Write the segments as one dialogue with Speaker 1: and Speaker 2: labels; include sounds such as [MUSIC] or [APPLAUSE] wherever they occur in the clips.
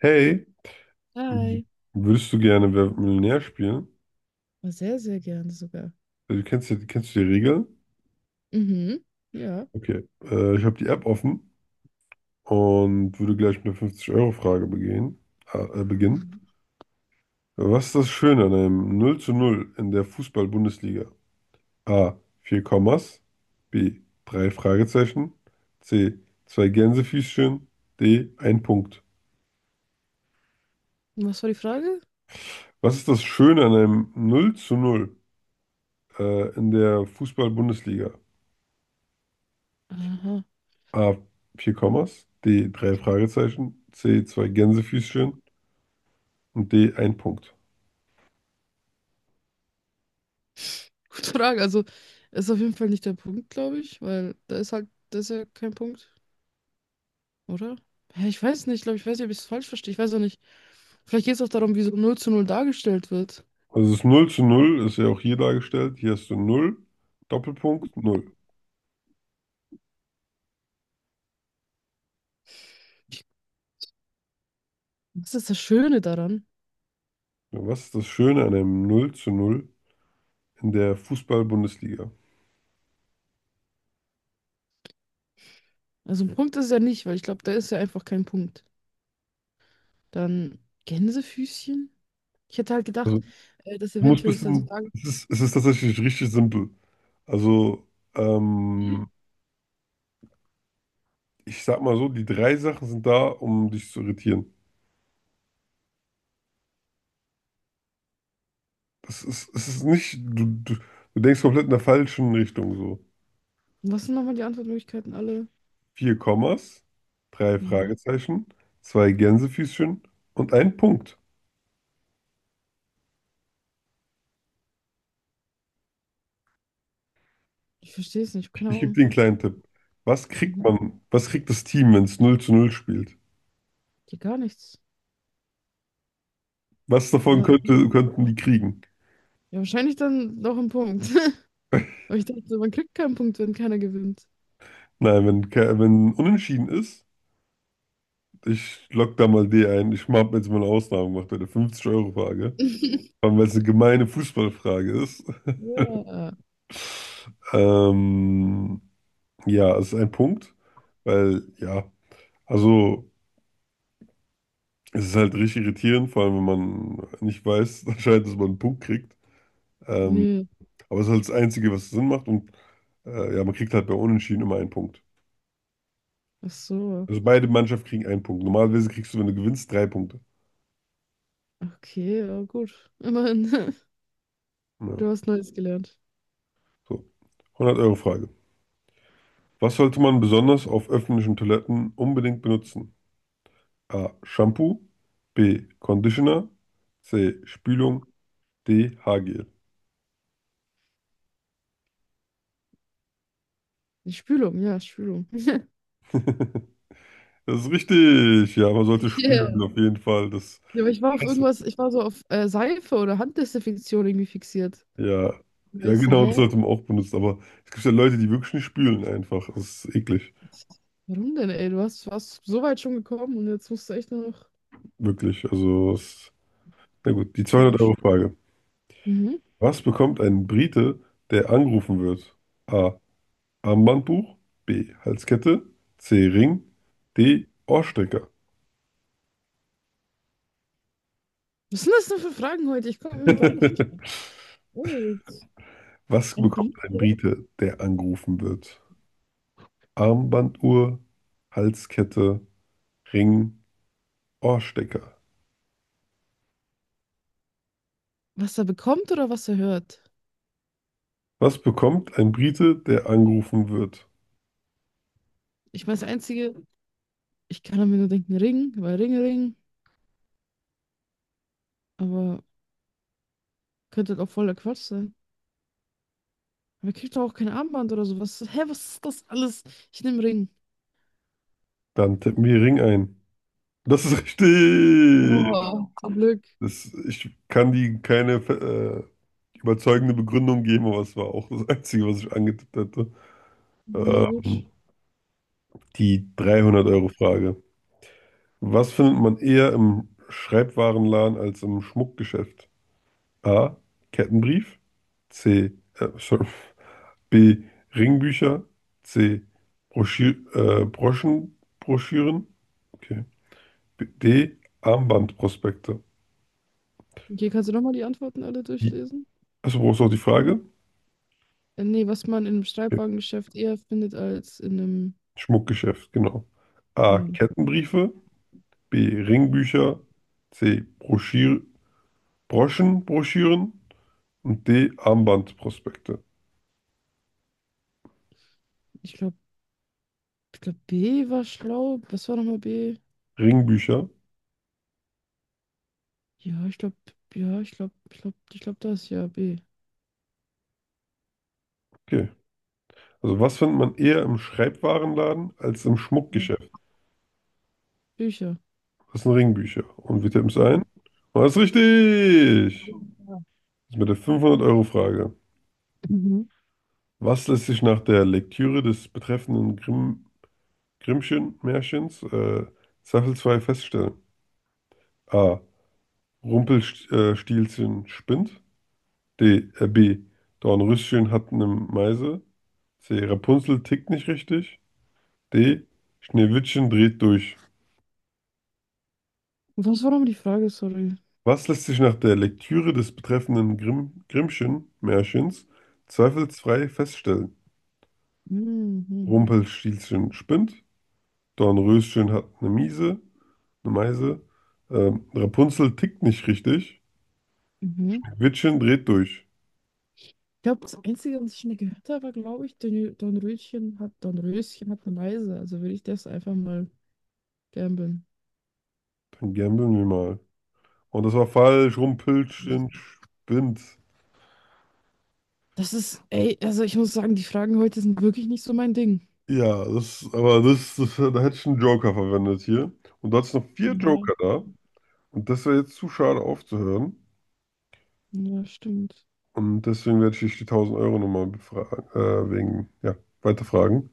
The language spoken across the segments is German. Speaker 1: Hey,
Speaker 2: Hi.
Speaker 1: würdest du gerne Wer wird Millionär spielen?
Speaker 2: Aber sehr, sehr gerne sogar.
Speaker 1: Also, kennst du die Regeln?
Speaker 2: Mhm. Ja.
Speaker 1: Okay. Ich habe die App offen und würde gleich mit der 50-Euro-Frage beginnen.
Speaker 2: Mhm.
Speaker 1: Was ist das Schöne an einem 0 zu 0 in der Fußball-Bundesliga? A. Vier Kommas. B. Drei Fragezeichen. C. Zwei Gänsefüßchen. D. Ein Punkt.
Speaker 2: Was war die Frage?
Speaker 1: Was ist das Schöne an einem 0 zu 0 in der Fußball-Bundesliga?
Speaker 2: Aha.
Speaker 1: A. Vier Kommas, D. Drei Fragezeichen, C. Zwei Gänsefüßchen und D. Ein Punkt.
Speaker 2: [LAUGHS] Gute Frage. Also, ist auf jeden Fall nicht der Punkt, glaube ich, weil da ist halt, das ist ja kein Punkt, oder? Ja, ich weiß nicht, glaube ich, weiß nicht, ob ich es falsch verstehe. Ich weiß auch nicht. Vielleicht geht es auch darum, wie so null zu null dargestellt wird.
Speaker 1: Also, das null zu null ist ja auch hier dargestellt. Hier hast du null Doppelpunkt, null.
Speaker 2: Das ist das Schöne daran.
Speaker 1: Ja, was ist das Schöne an einem null zu null in der Fußball-Bundesliga?
Speaker 2: Also, ein Punkt ist es ja nicht, weil ich glaube, da ist ja einfach kein Punkt. Dann Gänsefüßchen? Ich hätte halt
Speaker 1: Also,
Speaker 2: gedacht, dass
Speaker 1: du musst
Speaker 2: eventuell es dann so
Speaker 1: bisschen,
Speaker 2: sagen.
Speaker 1: es ist tatsächlich richtig simpel. Also, ähm, ich sag mal so, die drei Sachen sind da, um dich zu irritieren. Das ist, es ist nicht, du denkst komplett in der falschen Richtung so.
Speaker 2: Was sind nochmal die Antwortmöglichkeiten alle?
Speaker 1: Vier Kommas, drei
Speaker 2: Ja.
Speaker 1: Fragezeichen, zwei Gänsefüßchen und ein Punkt.
Speaker 2: Ich verstehe es nicht, keine
Speaker 1: Ich gebe
Speaker 2: Ahnung.
Speaker 1: dir einen kleinen Tipp. Was kriegt
Speaker 2: Mhm.
Speaker 1: man, was kriegt das Team, wenn es null zu null spielt?
Speaker 2: Die gar nichts.
Speaker 1: Was davon
Speaker 2: Ja,
Speaker 1: könnte, könnten die kriegen?
Speaker 2: ja, wahrscheinlich dann noch ein Punkt. [LAUGHS] Aber ich dachte, so, man kriegt keinen Punkt, wenn keiner gewinnt.
Speaker 1: Nein, wenn unentschieden ist, ich lock da mal D ein. Ich habe jetzt mal eine Ausnahme gemacht bei der 50-Euro-Frage, vor
Speaker 2: [LAUGHS]
Speaker 1: allem weil es eine gemeine Fußballfrage ist.
Speaker 2: Ja,
Speaker 1: Ähm, ja, es ist ein Punkt, weil ja, also. Es ist halt richtig irritierend, vor allem wenn man nicht weiß, [LAUGHS] anscheinend, dass man einen Punkt kriegt. Ähm,
Speaker 2: nee.
Speaker 1: aber es ist halt das Einzige, was Sinn macht. Und ja, man kriegt halt bei Unentschieden immer einen Punkt.
Speaker 2: Ach so.
Speaker 1: Also beide Mannschaften kriegen einen Punkt. Normalerweise kriegst du, wenn du gewinnst, drei Punkte.
Speaker 2: Okay, ja, gut. Immerhin, [LAUGHS]
Speaker 1: Ja,
Speaker 2: du hast Neues gelernt.
Speaker 1: so. 100-Euro-Frage. Was sollte man besonders auf öffentlichen Toiletten unbedingt benutzen? A. Shampoo. B. Conditioner. C. Spülung. D. Haargel.
Speaker 2: Die Spülung, ja, Spülung. [LAUGHS]
Speaker 1: [LAUGHS] Das ist richtig. Ja, man sollte spülen,
Speaker 2: Yeah.
Speaker 1: auf jeden Fall. Das.
Speaker 2: Ja, aber ich war auf irgendwas, ich war so auf Seife oder Handdesinfektion irgendwie fixiert.
Speaker 1: Ja,
Speaker 2: Und
Speaker 1: ja,
Speaker 2: ich so,
Speaker 1: genau, das
Speaker 2: hä?
Speaker 1: sollte man auch benutzen. Aber es gibt ja Leute, die wirklich nicht spülen einfach. Das ist eklig.
Speaker 2: Warum denn, ey? Du warst so weit schon gekommen und jetzt musst du echt nur noch.
Speaker 1: Wirklich. Also, na gut, die zweihundert euro
Speaker 2: Komisch.
Speaker 1: frage
Speaker 2: Mhm.
Speaker 1: Was bekommt ein Brite, der angerufen wird? A. Armbandbuch. B. Halskette. C. Ring. D. Ohrstecker.
Speaker 2: Was sind das denn für Fragen heute? Ich komme irgendwie
Speaker 1: [LAUGHS]
Speaker 2: gar nicht klar. Oh, jetzt
Speaker 1: Was
Speaker 2: ein
Speaker 1: bekommt ein
Speaker 2: Brite.
Speaker 1: Brite, der angerufen wird? Armbanduhr, Halskette, Ring, Ohrstecker.
Speaker 2: Was er bekommt oder was er hört?
Speaker 1: Was bekommt ein Brite, der angerufen wird?
Speaker 2: Ich meine, das Einzige, ich kann mir nur denken, Ring, weil Ring, Ring, aber könnte halt auch voller Quatsch sein. Aber er kriegt doch auch kein Armband oder sowas. Hä, was ist das alles? Ich nehme Ring.
Speaker 1: Dann tippen wir Ring ein. Das ist richtig.
Speaker 2: Oh, zum Glück.
Speaker 1: Ich kann die keine überzeugende Begründung geben, aber es war auch das Einzige, was ich angetippt hätte.
Speaker 2: Ja, gut.
Speaker 1: Ähm, Die 300-Euro-Frage. Was findet man eher im Schreibwarenladen als im Schmuckgeschäft? A. Kettenbrief. C. Sorry. B. Ringbücher. C. Broschü Broschenbroschüren. Okay. D. Armbandprospekte.
Speaker 2: Okay, kannst du nochmal die Antworten alle durchlesen?
Speaker 1: Achso, brauchst du auch die Frage?
Speaker 2: Nee, was man in einem
Speaker 1: Okay.
Speaker 2: Streitwagengeschäft eher findet als in einem.
Speaker 1: Schmuckgeschäft, genau.
Speaker 2: Ja,
Speaker 1: A. Kettenbriefe. B. Ringbücher. C. Broschir Broschenbroschüren. Und D. Armbandprospekte.
Speaker 2: ich glaube, ich glaub, B war schlau. Was war nochmal B?
Speaker 1: Ringbücher.
Speaker 2: Ja, ich glaube, ja, ich glaube, ich glaube das, ja, B.
Speaker 1: Okay. Also, was findet man eher im Schreibwarenladen als im
Speaker 2: Ja.
Speaker 1: Schmuckgeschäft?
Speaker 2: Bücher.
Speaker 1: Das sind Ringbücher. Und wir tippen es
Speaker 2: Ja.
Speaker 1: ein. Und das ist richtig! Das ist mit der 500-Euro-Frage.
Speaker 2: Mhm.
Speaker 1: Was lässt sich nach der Lektüre des betreffenden Grimmschen-Märchens zweifelsfrei feststellen? A. Rumpelstilzchen spinnt. D. B. Dornröschen hat eine Meise. C. Rapunzel tickt nicht richtig. D. Schneewittchen dreht durch.
Speaker 2: Was war nochmal die Frage, sorry?
Speaker 1: Was lässt sich nach der Lektüre des betreffenden Grimmschen-Märchens zweifelsfrei feststellen?
Speaker 2: Mhm.
Speaker 1: Rumpelstilzchen spinnt. Dornröschen hat eine Miese, eine Meise. Rapunzel tickt nicht richtig.
Speaker 2: Mhm.
Speaker 1: Wittchen dreht durch.
Speaker 2: Ich glaube, das Einzige, was ich schon gehört habe, war, glaube ich, Don Röschen hat eine Meise. Also würde ich das einfach mal gamblen.
Speaker 1: Dann gambeln wir mal. Und das war falsch. Rumpelstilzchen spinnt.
Speaker 2: Das ist, ey, also ich muss sagen, die Fragen heute sind wirklich nicht so mein Ding.
Speaker 1: Ja, aber da hätte ich einen Joker verwendet hier. Und du hattest noch vier
Speaker 2: Ja,
Speaker 1: Joker da. Und das wäre jetzt zu schade aufzuhören.
Speaker 2: ja, stimmt.
Speaker 1: Und deswegen werde ich dich die 1000 Euro nochmal befragen, wegen, ja, weiterfragen.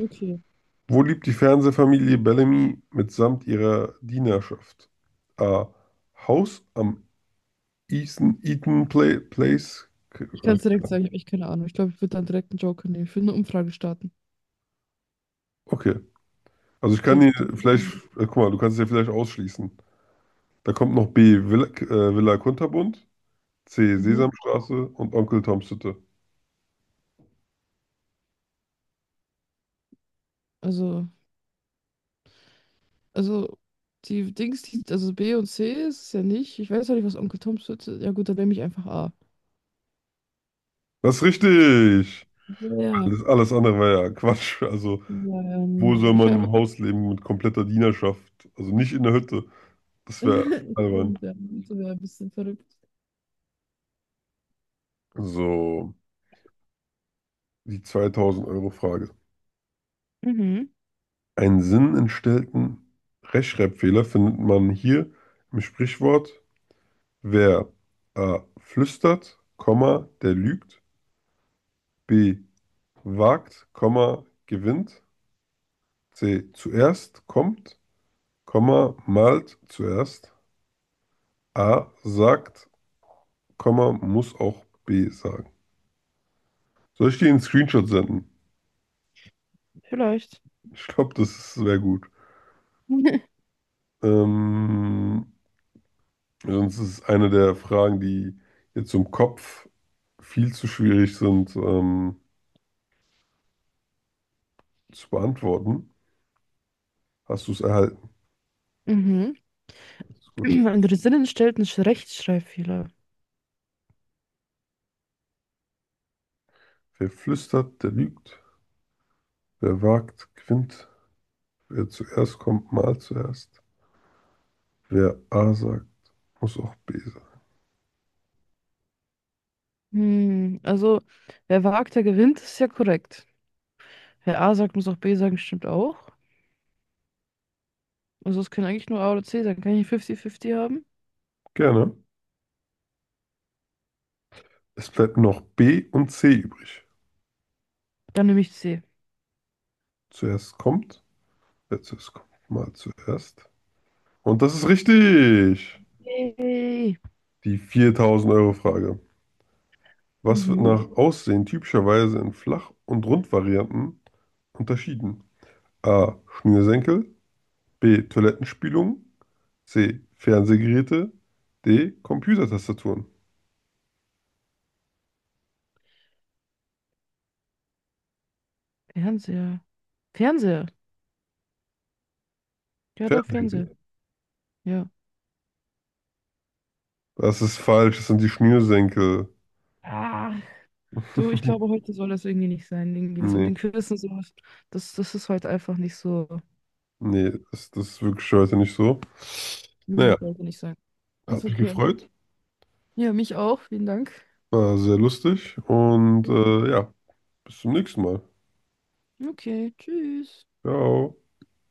Speaker 2: Okay.
Speaker 1: Wo lebt die Fernsehfamilie Bellamy mitsamt ihrer Dienerschaft? A. Haus am Eaton Place.
Speaker 2: Ich kann es direkt sagen, ich habe echt keine Ahnung. Ich glaube, ich würde dann direkt einen Joker nehmen. Ich würde eine Umfrage starten.
Speaker 1: Okay. Also, ich
Speaker 2: Ich
Speaker 1: kann
Speaker 2: kann
Speaker 1: dir
Speaker 2: direkt.
Speaker 1: vielleicht, guck mal, du kannst dir vielleicht ausschließen. Da kommt noch B. Villa Kunterbunt. C.
Speaker 2: Mhm.
Speaker 1: Sesamstraße und Onkel Toms Hütte.
Speaker 2: Also. Also, die Dings, die, also B und C ist es ja nicht. Ich weiß ja nicht, was Onkel Toms Pizza ist. Ja, gut, dann nehme ich einfach A.
Speaker 1: Das ist richtig.
Speaker 2: Ja, ja,
Speaker 1: Alles andere war ja Quatsch. Also,
Speaker 2: ja, nee.
Speaker 1: wo soll
Speaker 2: Ich
Speaker 1: man
Speaker 2: wäre.
Speaker 1: im
Speaker 2: [LAUGHS]
Speaker 1: Haus leben mit kompletter Dienerschaft? Also nicht in der Hütte. Das wäre albern.
Speaker 2: Stimmt, ja. Das wäre ein bisschen verrückt.
Speaker 1: So, die 2000-Euro-Frage.
Speaker 2: Mhm,
Speaker 1: Einen sinnentstellten Rechtschreibfehler findet man hier im Sprichwort, wer A. flüstert, Komma, der lügt, B. wagt, Komma, gewinnt, C. zuerst kommt Komma malt zuerst. A sagt, Komma muss auch B sagen. Soll ich dir einen Screenshot senden?
Speaker 2: vielleicht.
Speaker 1: Ich glaube, das wäre gut.
Speaker 2: [LAUGHS]
Speaker 1: Ähm, Sonst ist es eine der Fragen, die jetzt im Kopf viel zu schwierig sind, zu beantworten. Hast du es erhalten?
Speaker 2: Mhm.
Speaker 1: Das ist
Speaker 2: [CLEARS THROAT]
Speaker 1: gut.
Speaker 2: Ein Drinnen stellt einen Rechtschreibfehler.
Speaker 1: Wer flüstert, der lügt. Wer wagt, gewinnt. Wer zuerst kommt, malt zuerst. Wer A sagt, muss auch B sagen.
Speaker 2: Hm, also, wer wagt, der gewinnt, ist ja korrekt. Wer A sagt, muss auch B sagen, stimmt auch. Also, es kann eigentlich nur A oder C sein. Kann ich 50-50 haben?
Speaker 1: Gerne. Es bleibt noch B und C übrig.
Speaker 2: Dann nehme ich C.
Speaker 1: Zuerst kommt, wer zuerst kommt, mal zuerst. Und das ist richtig.
Speaker 2: Yay.
Speaker 1: Die 4000-Euro-Frage. Was wird
Speaker 2: Mhm.
Speaker 1: nach Aussehen typischerweise in Flach- und Rundvarianten unterschieden? A. Schnürsenkel. B. Toilettenspülung. C. Fernsehgeräte. D. Computertastaturen.
Speaker 2: Fernseher. Fernseher. Ja, doch, Fernseher.
Speaker 1: Fernsehgeräte.
Speaker 2: Ja.
Speaker 1: Das ist falsch. Das sind die Schnürsenkel.
Speaker 2: Ah, du, ich glaube,
Speaker 1: [LAUGHS]
Speaker 2: heute soll das irgendwie nicht sein. Irgendwie das mit
Speaker 1: Nee,
Speaker 2: den Quiz und sowas. Das ist heute einfach nicht so.
Speaker 1: nee, das ist wirklich heute nicht so.
Speaker 2: Nee,
Speaker 1: Naja,
Speaker 2: das sollte nicht sein.
Speaker 1: hat
Speaker 2: Ist
Speaker 1: mich
Speaker 2: okay.
Speaker 1: gefreut.
Speaker 2: Ja, mich auch. Vielen Dank.
Speaker 1: War sehr lustig. Und
Speaker 2: Mhm.
Speaker 1: ja. Bis zum nächsten Mal.
Speaker 2: Okay, tschüss.
Speaker 1: Ciao.